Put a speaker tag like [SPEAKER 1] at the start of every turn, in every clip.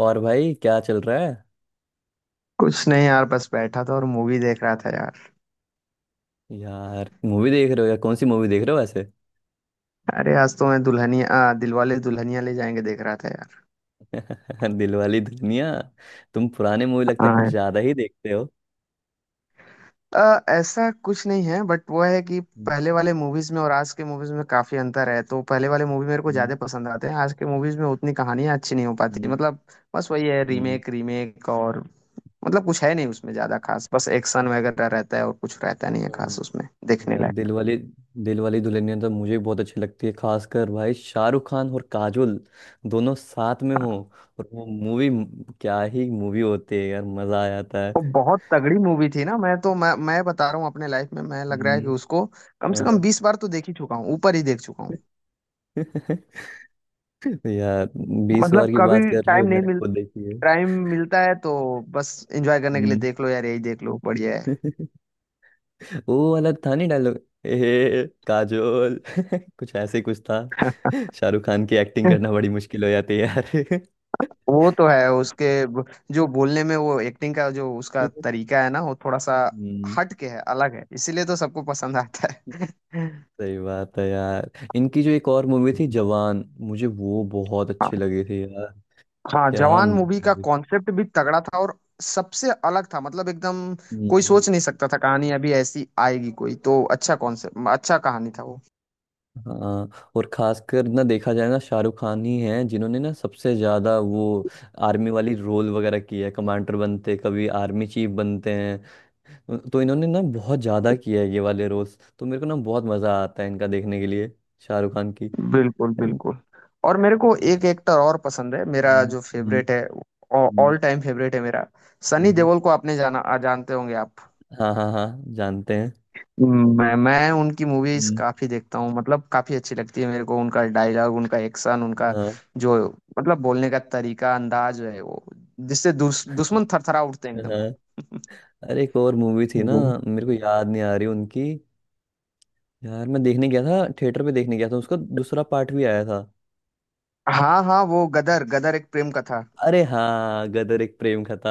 [SPEAKER 1] और भाई क्या चल रहा है?
[SPEAKER 2] कुछ नहीं यार, बस बैठा था और मूवी देख रहा था यार।
[SPEAKER 1] यार मूवी देख रहे हो, या कौन सी मूवी देख रहे हो वैसे?
[SPEAKER 2] अरे आज तो मैं दिलवाले दुल्हनिया ले जाएंगे देख रहा था यार।
[SPEAKER 1] दिलवाली दुल्हनिया। तुम पुराने मूवी लगता है कुछ
[SPEAKER 2] हाँ।
[SPEAKER 1] ज्यादा ही देखते हो।
[SPEAKER 2] ऐसा कुछ नहीं है, बट वो है कि
[SPEAKER 1] हम्म।
[SPEAKER 2] पहले वाले मूवीज में और आज के मूवीज में काफी अंतर है, तो पहले वाले मूवी मेरे को
[SPEAKER 1] हम्म।
[SPEAKER 2] ज्यादा पसंद आते हैं। आज के मूवीज में उतनी कहानियां अच्छी नहीं हो पाती,
[SPEAKER 1] हम्म।
[SPEAKER 2] मतलब बस वही है,
[SPEAKER 1] हम्म।
[SPEAKER 2] Remake remake. और मतलब कुछ है नहीं उसमें ज्यादा खास, बस एक्शन वगैरह रहता है और कुछ रहता नहीं है खास
[SPEAKER 1] हम्म।
[SPEAKER 2] उसमें देखने
[SPEAKER 1] यार
[SPEAKER 2] लायक।
[SPEAKER 1] दिलवाली दिलवाली दुल्हनिया तो मुझे बहुत अच्छी लगती है, खासकर भाई शाहरुख खान और काजोल दोनों साथ में हो। और वो मूवी, क्या ही मूवी होती है यार, मजा आ जाता है।
[SPEAKER 2] वो बहुत तगड़ी मूवी थी ना। मैं तो मैं बता रहा हूँ, अपने लाइफ में मैं, लग रहा है कि
[SPEAKER 1] हम्म।
[SPEAKER 2] उसको कम से कम
[SPEAKER 1] हाँ।
[SPEAKER 2] 20 बार तो देख ही चुका हूँ, ऊपर ही देख चुका हूँ।
[SPEAKER 1] यार, बीस
[SPEAKER 2] मतलब
[SPEAKER 1] बार की
[SPEAKER 2] कभी
[SPEAKER 1] बात कर रहे हो,
[SPEAKER 2] टाइम नहीं
[SPEAKER 1] मैंने
[SPEAKER 2] मिल,
[SPEAKER 1] खुद देखी है।
[SPEAKER 2] टाइम मिलता है तो बस एंजॉय करने के लिए
[SPEAKER 1] हम्म।
[SPEAKER 2] देख लो यार, यही देख लो, बढ़िया है।
[SPEAKER 1] वो वाला था नहीं डायलॉग, ए काजोल कुछ ऐसे ही कुछ था। शाहरुख खान की एक्टिंग करना बड़ी मुश्किल हो जाती है यार।
[SPEAKER 2] वो तो है उसके जो बोलने में, वो एक्टिंग का जो उसका तरीका है ना, वो थोड़ा सा
[SPEAKER 1] हम्म।
[SPEAKER 2] हट के है, अलग है, इसीलिए तो सबको पसंद आता है।
[SPEAKER 1] सही बात है यार। इनकी जो एक और मूवी थी जवान, मुझे वो बहुत अच्छी लगी थी यार।
[SPEAKER 2] हाँ,
[SPEAKER 1] क्या
[SPEAKER 2] जवान मूवी का
[SPEAKER 1] मूवी।
[SPEAKER 2] कॉन्सेप्ट भी तगड़ा था और सबसे अलग था, मतलब एकदम कोई
[SPEAKER 1] हम्म।
[SPEAKER 2] सोच नहीं सकता था कहानी अभी ऐसी आएगी। कोई तो अच्छा कॉन्सेप्ट, अच्छा कहानी था वो।
[SPEAKER 1] हाँ, और खासकर ना, देखा जाए ना, शाहरुख खान ही हैं जिन्होंने ना सबसे ज्यादा वो आर्मी वाली रोल वगैरह की है, कमांडर बनते, कभी आर्मी चीफ बनते हैं। तो इन्होंने ना बहुत ज्यादा किया है ये वाले रोल्स, तो मेरे को ना बहुत मजा आता है इनका देखने के लिए, शाहरुख खान की।
[SPEAKER 2] बिल्कुल,
[SPEAKER 1] हम्म।
[SPEAKER 2] बिल्कुल। और मेरे को एक एक्टर और पसंद है, मेरा
[SPEAKER 1] हम्म।
[SPEAKER 2] जो फेवरेट है,
[SPEAKER 1] हम्म।
[SPEAKER 2] ऑल टाइम फेवरेट है मेरा। सनी
[SPEAKER 1] हम्म।
[SPEAKER 2] देओल को आपने जानते होंगे आप?
[SPEAKER 1] हाँ हाँ हाँ, जानते हैं।
[SPEAKER 2] मैं उनकी मूवीज
[SPEAKER 1] हम्म।
[SPEAKER 2] काफी देखता हूँ, मतलब काफी अच्छी लगती है मेरे को। उनका डायलॉग, उनका एक्शन, उनका
[SPEAKER 1] हाँ
[SPEAKER 2] जो मतलब बोलने का तरीका, अंदाज है वो, जिससे दुश्मन थरथरा उठते हैं एकदम।
[SPEAKER 1] हाँ। अरे एक और मूवी थी ना,
[SPEAKER 2] वो।
[SPEAKER 1] मेरे को याद नहीं आ रही उनकी। यार मैं देखने गया था, थिएटर पे देखने गया था, उसका दूसरा पार्ट भी आया था।
[SPEAKER 2] हाँ हाँ, वो गदर, गदर एक प्रेम कथा।
[SPEAKER 1] अरे हाँ, गदर एक प्रेम कथा।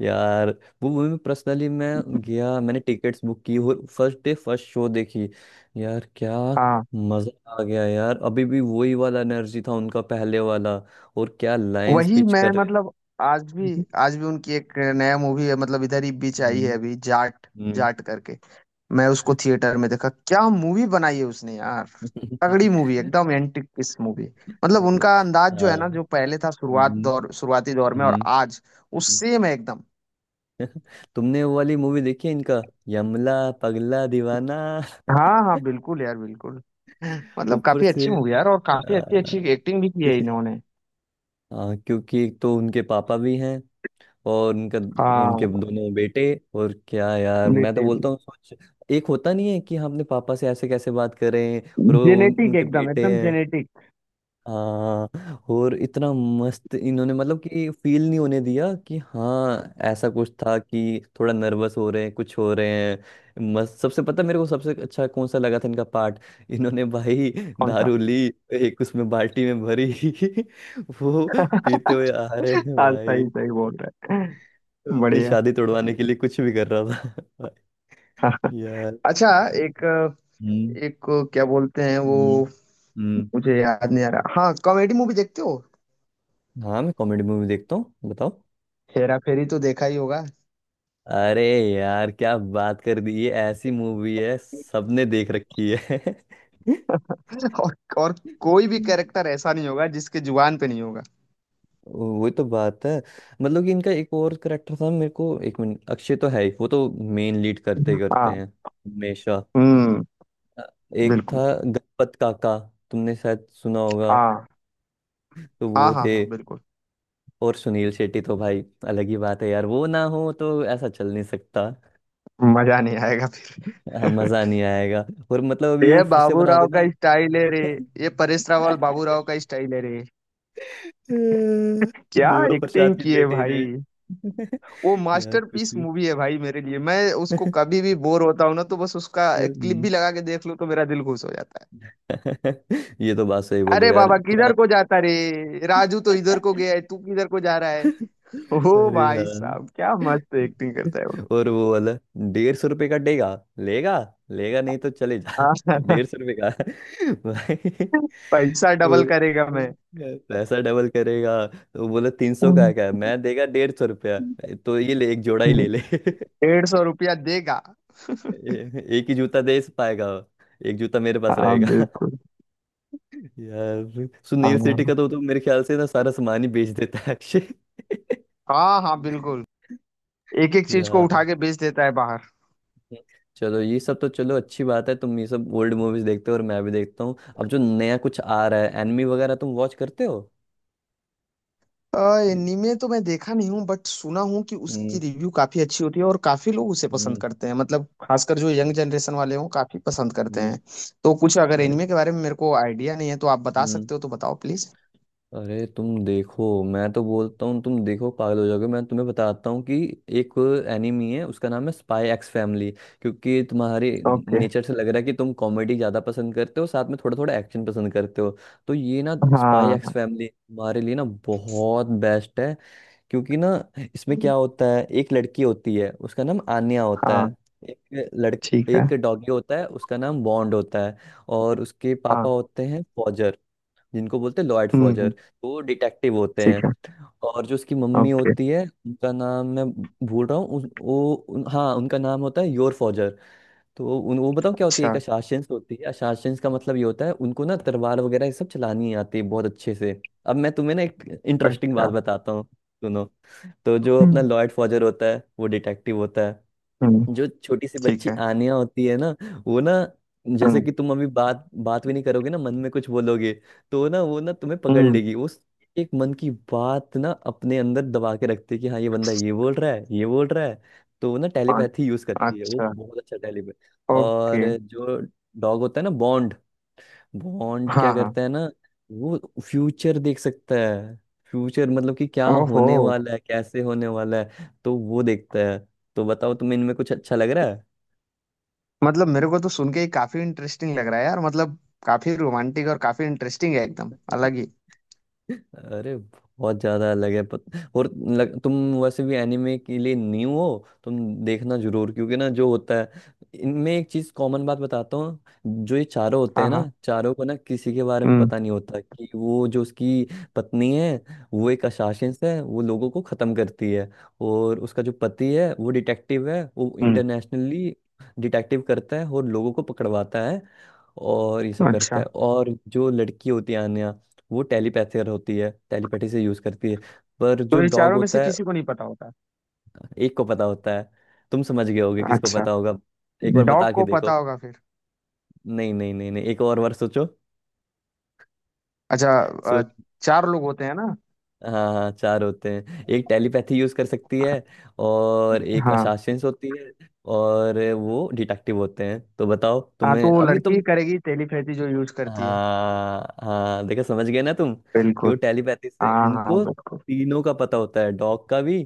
[SPEAKER 1] यार वो मूवी में पर्सनली मैं गया, मैंने टिकट्स बुक की और फर्स्ट डे फर्स्ट शो देखी। यार क्या
[SPEAKER 2] हाँ,
[SPEAKER 1] मजा आ गया यार, अभी भी वही वाला एनर्जी था उनका पहले वाला। और क्या लाइंस
[SPEAKER 2] वही
[SPEAKER 1] पिच
[SPEAKER 2] मैं
[SPEAKER 1] कर रहे
[SPEAKER 2] मतलब आज भी,
[SPEAKER 1] थे।
[SPEAKER 2] आज भी उनकी एक नया मूवी है, मतलब इधर ही बीच आई है
[SPEAKER 1] हम्म।
[SPEAKER 2] अभी, जाट
[SPEAKER 1] हम्म।
[SPEAKER 2] जाट करके। मैं उसको थिएटर में देखा, क्या मूवी बनाई है उसने यार। तगड़ी
[SPEAKER 1] हम्म।
[SPEAKER 2] मूवी एकदम, एंटिक किस मूवी। मतलब उनका अंदाज जो है
[SPEAKER 1] हाँ।
[SPEAKER 2] ना, जो पहले था
[SPEAKER 1] हम्म।
[SPEAKER 2] शुरुआती दौर में और
[SPEAKER 1] हम्म।
[SPEAKER 2] आज, उस
[SPEAKER 1] हम्म।
[SPEAKER 2] सेम है एकदम।
[SPEAKER 1] तुमने वो वाली मूवी देखी है इनका, यमला पगला दीवाना?
[SPEAKER 2] हाँ हाँ बिल्कुल यार, बिल्कुल। मतलब
[SPEAKER 1] ऊपर
[SPEAKER 2] काफी
[SPEAKER 1] से
[SPEAKER 2] अच्छी मूवी यार, और काफी
[SPEAKER 1] आ,
[SPEAKER 2] अच्छी अच्छी एक्टिंग भी की है इन्होंने।
[SPEAKER 1] हाँ, क्योंकि एक तो उनके पापा भी हैं, और उनका,
[SPEAKER 2] हाँ,
[SPEAKER 1] उनके दोनों बेटे। और क्या यार, मैं तो
[SPEAKER 2] बेटे भी।
[SPEAKER 1] बोलता हूँ सोच, एक होता नहीं है कि हम अपने पापा से ऐसे कैसे बात करें। और वो
[SPEAKER 2] जेनेटिक,
[SPEAKER 1] उनके
[SPEAKER 2] एकदम
[SPEAKER 1] बेटे।
[SPEAKER 2] एकदम जेनेटिक।
[SPEAKER 1] हाँ, और इतना मस्त इन्होंने, मतलब कि फील नहीं होने दिया कि हाँ ऐसा कुछ था कि थोड़ा नर्वस हो रहे हैं, कुछ हो रहे हैं। मस्त। सबसे पता मेरे को सबसे अच्छा कौन सा लगा था इनका पार्ट? इन्होंने भाई
[SPEAKER 2] कौन सा?
[SPEAKER 1] दारू ली, एक उसमें बाल्टी में भरी, वो पीते हुए आ रहे हैं
[SPEAKER 2] हाँ
[SPEAKER 1] भाई।
[SPEAKER 2] सही, सही बोल रहे
[SPEAKER 1] तो
[SPEAKER 2] हैं।
[SPEAKER 1] अपनी
[SPEAKER 2] बढ़िया।
[SPEAKER 1] शादी तोड़वाने के लिए कुछ भी कर रहा था भाई। यार।
[SPEAKER 2] अच्छा, एक
[SPEAKER 1] हम्म।
[SPEAKER 2] एक क्या बोलते हैं वो,
[SPEAKER 1] हम्म। हम्म।
[SPEAKER 2] मुझे याद नहीं आ रहा। हाँ, कॉमेडी मूवी देखते हो?
[SPEAKER 1] हाँ मैं कॉमेडी मूवी देखता हूँ, बताओ।
[SPEAKER 2] हेरा फेरी तो देखा ही होगा।
[SPEAKER 1] अरे यार, क्या बात कर दी, ये ऐसी मूवी है सबने देख रखी है।
[SPEAKER 2] और कोई भी
[SPEAKER 1] हम्म।
[SPEAKER 2] कैरेक्टर ऐसा नहीं होगा जिसके जुबान पे नहीं होगा।
[SPEAKER 1] वो तो बात है। मतलब कि इनका एक और करेक्टर था, मेरे को एक मिनट, अक्षय तो है ही, वो तो मेन लीड करते करते
[SPEAKER 2] हाँ,
[SPEAKER 1] हैं हमेशा।
[SPEAKER 2] हम्म,
[SPEAKER 1] अ, एक
[SPEAKER 2] बिल्कुल।
[SPEAKER 1] था गणपत काका, तुमने शायद सुना होगा।
[SPEAKER 2] हाँ
[SPEAKER 1] तो
[SPEAKER 2] हाँ
[SPEAKER 1] वो
[SPEAKER 2] हाँ,
[SPEAKER 1] थे।
[SPEAKER 2] हाँ बिल्कुल।
[SPEAKER 1] और सुनील शेट्टी तो भाई अलग ही बात है यार, वो ना हो तो ऐसा चल नहीं सकता।
[SPEAKER 2] मजा नहीं आएगा
[SPEAKER 1] हाँ,
[SPEAKER 2] फिर।
[SPEAKER 1] मजा नहीं आएगा। और मतलब अभी वो
[SPEAKER 2] ये
[SPEAKER 1] फिर से
[SPEAKER 2] बाबू
[SPEAKER 1] बना
[SPEAKER 2] राव
[SPEAKER 1] देना।
[SPEAKER 2] का स्टाइल है रे। ये परेश रावल, बाबू राव का स्टाइल है रे। क्या
[SPEAKER 1] देवा प्रसाद
[SPEAKER 2] एक्टिंग
[SPEAKER 1] के
[SPEAKER 2] की है
[SPEAKER 1] बेटे ने
[SPEAKER 2] भाई। वो
[SPEAKER 1] यार कुछ
[SPEAKER 2] मास्टरपीस
[SPEAKER 1] भी।
[SPEAKER 2] मूवी है भाई मेरे लिए। मैं उसको, कभी भी बोर होता हूं ना तो बस उसका एक क्लिप
[SPEAKER 1] हम्म।
[SPEAKER 2] भी लगा के देख लूं तो मेरा दिल खुश हो जाता है।
[SPEAKER 1] ये तो बात सही बोले
[SPEAKER 2] अरे
[SPEAKER 1] यार,
[SPEAKER 2] बाबा
[SPEAKER 1] पुरान।
[SPEAKER 2] किधर को जाता रे? राजू तो इधर को गया है, तू किधर को जा रहा है? ओ
[SPEAKER 1] अरे हाँ,
[SPEAKER 2] भाई साहब, क्या मस्त एक्टिंग करता है वो लोग।
[SPEAKER 1] और वो वाला, 150 रुपये का देगा, लेगा, लेगा नहीं तो चले जा।
[SPEAKER 2] हाँ,
[SPEAKER 1] 150 रुपये का भाई,
[SPEAKER 2] पैसा
[SPEAKER 1] वो
[SPEAKER 2] डबल करेगा मैं।
[SPEAKER 1] पैसा डबल करेगा। तो बोला 300 का
[SPEAKER 2] हम्म।
[SPEAKER 1] है क्या, मैं देगा 150 रुपया। तो ये ले, एक जोड़ा ही ले ले।
[SPEAKER 2] 150 रुपया देगा।
[SPEAKER 1] एक ही जूता दे पाएगा, एक जूता मेरे पास
[SPEAKER 2] हाँ
[SPEAKER 1] रहेगा।
[SPEAKER 2] बिल्कुल।
[SPEAKER 1] यार सुनील शेट्टी
[SPEAKER 2] हाँ
[SPEAKER 1] का तो मेरे ख्याल से ना सारा सामान ही बेच देता है अक्षय।
[SPEAKER 2] हाँ, हाँ बिल्कुल। एक एक चीज को उठा
[SPEAKER 1] यार
[SPEAKER 2] के बेच देता है बाहर।
[SPEAKER 1] चलो, ये सब तो चलो अच्छी बात है, तुम ये सब ओल्ड मूवीज देखते हो और मैं भी देखता हूँ। अब जो नया कुछ आ रहा है, एनिमी वगैरह, तुम वॉच करते हो?
[SPEAKER 2] एनीमे तो मैं देखा नहीं हूँ, बट सुना हूँ कि उसकी
[SPEAKER 1] हम्म।
[SPEAKER 2] रिव्यू काफी अच्छी होती है और काफी लोग उसे पसंद
[SPEAKER 1] हम्म।
[SPEAKER 2] करते हैं, मतलब खासकर जो यंग जनरेशन वाले हों, काफी पसंद करते
[SPEAKER 1] हम्म।
[SPEAKER 2] हैं। तो कुछ अगर
[SPEAKER 1] अरे।
[SPEAKER 2] एनीमे के बारे में मेरे को आइडिया नहीं है, तो आप बता
[SPEAKER 1] हम्म।
[SPEAKER 2] सकते हो, तो बताओ प्लीज।
[SPEAKER 1] अरे तुम देखो, मैं तो बोलता हूँ तुम देखो पागल हो जाओगे, मैं तुम्हें बताता हूँ कि एक एनिमी है, उसका नाम है स्पाई एक्स फैमिली। क्योंकि तुम्हारे
[SPEAKER 2] ओके।
[SPEAKER 1] नेचर से लग रहा है कि तुम कॉमेडी ज़्यादा पसंद करते हो, साथ में थोड़ा थोड़ा एक्शन पसंद करते हो, तो ये ना स्पाई एक्स
[SPEAKER 2] हाँ
[SPEAKER 1] फैमिली तुम्हारे लिए ना बहुत बेस्ट है। क्योंकि ना इसमें क्या होता है, एक लड़की होती है, उसका नाम आन्या होता
[SPEAKER 2] हाँ,
[SPEAKER 1] है। एक लड़
[SPEAKER 2] ठीक है।
[SPEAKER 1] एक डॉगी होता है, उसका नाम बॉन्ड होता है। और उसके
[SPEAKER 2] हाँ,
[SPEAKER 1] पापा होते हैं फॉजर, जिनको बोलते हैं लॉयड
[SPEAKER 2] हम्म
[SPEAKER 1] फॉजर,
[SPEAKER 2] हम्म,
[SPEAKER 1] तो वो डिटेक्टिव होते
[SPEAKER 2] ठीक है।
[SPEAKER 1] हैं। और जो उसकी मम्मी
[SPEAKER 2] ओके।
[SPEAKER 1] होती है, उनका नाम मैं भूल रहा हूँ हाँ, उनका नाम होता है योर फॉजर। तो वो बताओ क्या होती है, एक
[SPEAKER 2] अच्छा।
[SPEAKER 1] अशासंस होती है। अशासंस का मतलब ये होता है, उनको ना तलवार वगैरह ये सब चलानी आती है बहुत अच्छे से। अब मैं तुम्हें ना एक इंटरेस्टिंग बात
[SPEAKER 2] अच्छा,
[SPEAKER 1] बताता हूँ, सुनो। तो जो अपना
[SPEAKER 2] हम्म
[SPEAKER 1] लॉयड फॉजर होता है, वो डिटेक्टिव होता है।
[SPEAKER 2] हम्म,
[SPEAKER 1] जो छोटी सी
[SPEAKER 2] ठीक
[SPEAKER 1] बच्ची
[SPEAKER 2] है।
[SPEAKER 1] आनिया होती है ना, वो ना, जैसे
[SPEAKER 2] हम्म
[SPEAKER 1] कि तुम अभी बात बात भी नहीं करोगे ना, मन में कुछ बोलोगे, तो ना वो ना तुम्हें पकड़
[SPEAKER 2] हम्म,
[SPEAKER 1] लेगी। उस एक मन की बात ना अपने अंदर दबा के रखती है कि हाँ ये बंदा ये बोल रहा है, ये बोल रहा है। तो वो ना
[SPEAKER 2] अ-
[SPEAKER 1] टेलीपैथी यूज करती है, वो
[SPEAKER 2] अच्छा।
[SPEAKER 1] बहुत अच्छा टेलीपैथ। और
[SPEAKER 2] ओके।
[SPEAKER 1] जो डॉग होता है ना, बॉन्ड, बॉन्ड क्या
[SPEAKER 2] हाँ हाँ।
[SPEAKER 1] करता है ना, वो फ्यूचर देख सकता है। फ्यूचर मतलब कि क्या
[SPEAKER 2] ओहो।
[SPEAKER 1] होने वाला है, कैसे होने वाला है, तो वो देखता है। तो बताओ तुम्हें इनमें कुछ अच्छा लग रहा
[SPEAKER 2] मतलब मेरे को तो सुन के ही काफी इंटरेस्टिंग लग रहा है यार, मतलब काफी रोमांटिक और काफी इंटरेस्टिंग है, एकदम
[SPEAKER 1] है?
[SPEAKER 2] अलग ही।
[SPEAKER 1] अरे बहुत ज्यादा अलग है। तुम वैसे भी एनिमे के लिए न्यू हो, तुम देखना जरूर। क्योंकि ना जो होता है, इनमें एक चीज कॉमन बात बताता हूँ। जो ये चारों होते
[SPEAKER 2] हाँ
[SPEAKER 1] हैं
[SPEAKER 2] हाँ,
[SPEAKER 1] ना, चारों को ना किसी के बारे में
[SPEAKER 2] हम्म
[SPEAKER 1] पता नहीं होता कि वो जो उसकी पत्नी है, वो एक असासिन है, वो लोगों को खत्म करती है। और उसका जो पति है वो डिटेक्टिव है, वो
[SPEAKER 2] हम्म,
[SPEAKER 1] इंटरनेशनली डिटेक्टिव करता है और लोगों को पकड़वाता है और ये सब करता
[SPEAKER 2] अच्छा।
[SPEAKER 1] है। और जो लड़की होती है आन्या, वो टेलीपैथर होती है, टेलीपैथी से यूज करती है। पर जो
[SPEAKER 2] तो ये
[SPEAKER 1] डॉग
[SPEAKER 2] चारों में से
[SPEAKER 1] होता है,
[SPEAKER 2] किसी को नहीं पता होता?
[SPEAKER 1] एक को पता होता है। तुम समझ गए होगे किसको
[SPEAKER 2] अच्छा।
[SPEAKER 1] पता होगा, एक बार
[SPEAKER 2] डॉग
[SPEAKER 1] बता के
[SPEAKER 2] को पता
[SPEAKER 1] देखो।
[SPEAKER 2] होगा फिर?
[SPEAKER 1] नहीं नहीं नहीं नहीं, एक और बार सोचो,
[SPEAKER 2] अच्छा,
[SPEAKER 1] सोच।
[SPEAKER 2] चार लोग होते हैं ना?
[SPEAKER 1] हाँ हाँ, चार होते हैं, एक टेलीपैथी यूज कर सकती है, और एक
[SPEAKER 2] हाँ
[SPEAKER 1] असासिन होती है, और वो डिटेक्टिव होते हैं। तो बताओ
[SPEAKER 2] हाँ।
[SPEAKER 1] तुम्हें
[SPEAKER 2] तो वो
[SPEAKER 1] अभी,
[SPEAKER 2] लड़की
[SPEAKER 1] तुम।
[SPEAKER 2] ही करेगी टेलीपैथी जो यूज करती है।
[SPEAKER 1] हाँ हाँ देखो, समझ गए ना तुम, कि वो
[SPEAKER 2] बिल्कुल।
[SPEAKER 1] टेलीपैथी से
[SPEAKER 2] हाँ हाँ
[SPEAKER 1] उनको
[SPEAKER 2] बिल्कुल।
[SPEAKER 1] तीनों का पता होता है, डॉग का भी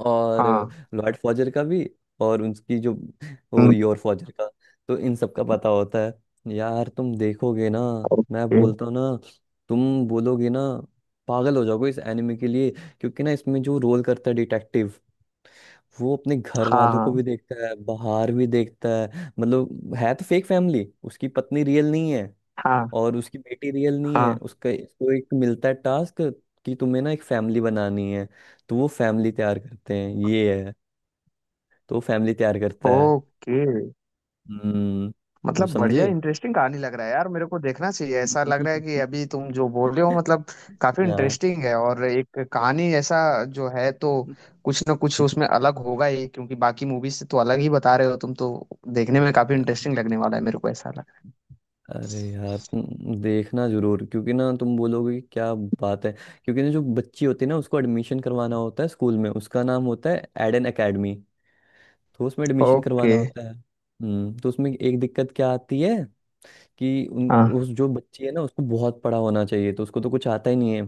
[SPEAKER 1] और
[SPEAKER 2] हाँ।
[SPEAKER 1] लॉर्ड फॉजर का भी, और उनकी जो वो,
[SPEAKER 2] हम्म,
[SPEAKER 1] योर फॉजर का। तो इन सब का पता होता है यार, तुम देखोगे ना, मैं
[SPEAKER 2] ओके।
[SPEAKER 1] बोलता हूँ ना, तुम बोलोगे ना, पागल हो जाओगे इस एनिमे के लिए। क्योंकि ना इसमें जो रोल करता है डिटेक्टिव, वो अपने घर
[SPEAKER 2] हाँ
[SPEAKER 1] वालों को भी
[SPEAKER 2] हाँ,
[SPEAKER 1] देखता है, बाहर भी देखता है। मतलब है तो फेक फैमिली, उसकी पत्नी रियल नहीं है
[SPEAKER 2] हाँ
[SPEAKER 1] और उसकी बेटी रियल नहीं है।
[SPEAKER 2] हाँ।
[SPEAKER 1] उसका, उसको एक मिलता है टास्क कि तुम्हें ना एक फैमिली बनानी है। तो वो फैमिली तैयार करते हैं, ये है, तो वो फैमिली तैयार करता है।
[SPEAKER 2] ओके।
[SPEAKER 1] हम्म, तुम
[SPEAKER 2] मतलब बढ़िया,
[SPEAKER 1] समझे?
[SPEAKER 2] इंटरेस्टिंग कहानी लग रहा है यार, मेरे को देखना चाहिए ऐसा लग रहा है कि अभी तुम जो बोल रहे हो, मतलब काफी
[SPEAKER 1] हाँ
[SPEAKER 2] इंटरेस्टिंग है, और एक कहानी ऐसा जो है, तो कुछ ना कुछ उसमें अलग होगा ही, क्योंकि बाकी मूवीज से तो अलग ही बता रहे हो तुम तो। देखने में काफी इंटरेस्टिंग
[SPEAKER 1] हाँ।
[SPEAKER 2] लगने वाला है मेरे को, ऐसा लग रहा
[SPEAKER 1] अरे यार तुम देखना जरूर, क्योंकि ना तुम बोलोगे कि क्या बात है। क्योंकि ना जो बच्ची होती है ना, उसको एडमिशन करवाना होता है स्कूल में, उसका नाम होता है एडन एकेडमी। तो उसमें
[SPEAKER 2] है।
[SPEAKER 1] एडमिशन करवाना
[SPEAKER 2] ओके।
[SPEAKER 1] होता है, हम्म, तो उसमें एक दिक्कत क्या आती है कि उन
[SPEAKER 2] हाँ।
[SPEAKER 1] उस जो बच्ची है ना, उसको बहुत पढ़ा होना चाहिए, तो उसको तो कुछ आता ही नहीं है।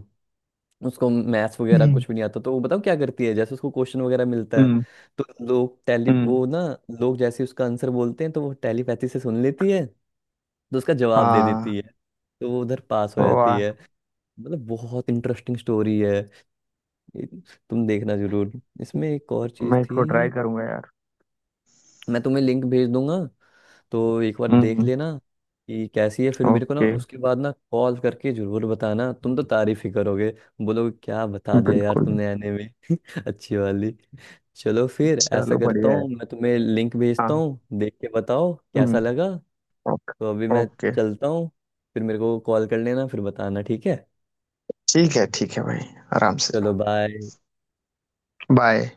[SPEAKER 1] उसको मैथ्स वगैरह
[SPEAKER 2] हम्म।
[SPEAKER 1] कुछ भी नहीं आता, तो वो बताओ क्या करती है, जैसे उसको क्वेश्चन वगैरह मिलता है,
[SPEAKER 2] हम्म।
[SPEAKER 1] तो लोग टेली
[SPEAKER 2] हम्म।
[SPEAKER 1] वो ना लोग जैसे उसका आंसर बोलते हैं, तो वो टेलीपैथी से सुन लेती है, तो उसका जवाब दे
[SPEAKER 2] हाँ।
[SPEAKER 1] देती है, तो वो उधर पास हो जाती है।
[SPEAKER 2] वाह।
[SPEAKER 1] मतलब बहुत इंटरेस्टिंग स्टोरी है ये, तुम देखना जरूर। इसमें एक और चीज
[SPEAKER 2] मैं
[SPEAKER 1] थी,
[SPEAKER 2] इसको ट्राई करूंगा यार।
[SPEAKER 1] मैं तुम्हें लिंक भेज दूंगा, तो एक बार देख
[SPEAKER 2] हम्म।
[SPEAKER 1] लेना कि कैसी है। फिर मेरे को ना
[SPEAKER 2] ओके।
[SPEAKER 1] उसके बाद ना कॉल करके जरूर बताना, तुम तो तारीफ ही करोगे, बोलोगे क्या बता दिया यार
[SPEAKER 2] बिल्कुल।
[SPEAKER 1] तुमने आने में। अच्छी वाली। चलो फिर ऐसा
[SPEAKER 2] चलो
[SPEAKER 1] करता
[SPEAKER 2] बढ़िया है।
[SPEAKER 1] हूँ, मैं तुम्हें लिंक भेजता
[SPEAKER 2] हाँ।
[SPEAKER 1] हूँ, देख के बताओ कैसा
[SPEAKER 2] हम्म।
[SPEAKER 1] लगा।
[SPEAKER 2] ओके,
[SPEAKER 1] तो अभी मैं
[SPEAKER 2] ओके।
[SPEAKER 1] चलता हूँ, फिर मेरे को कॉल कर लेना, फिर बताना, ठीक है?
[SPEAKER 2] ठीक है, ठीक है भाई। आराम से।
[SPEAKER 1] चलो बाय।
[SPEAKER 2] बाय।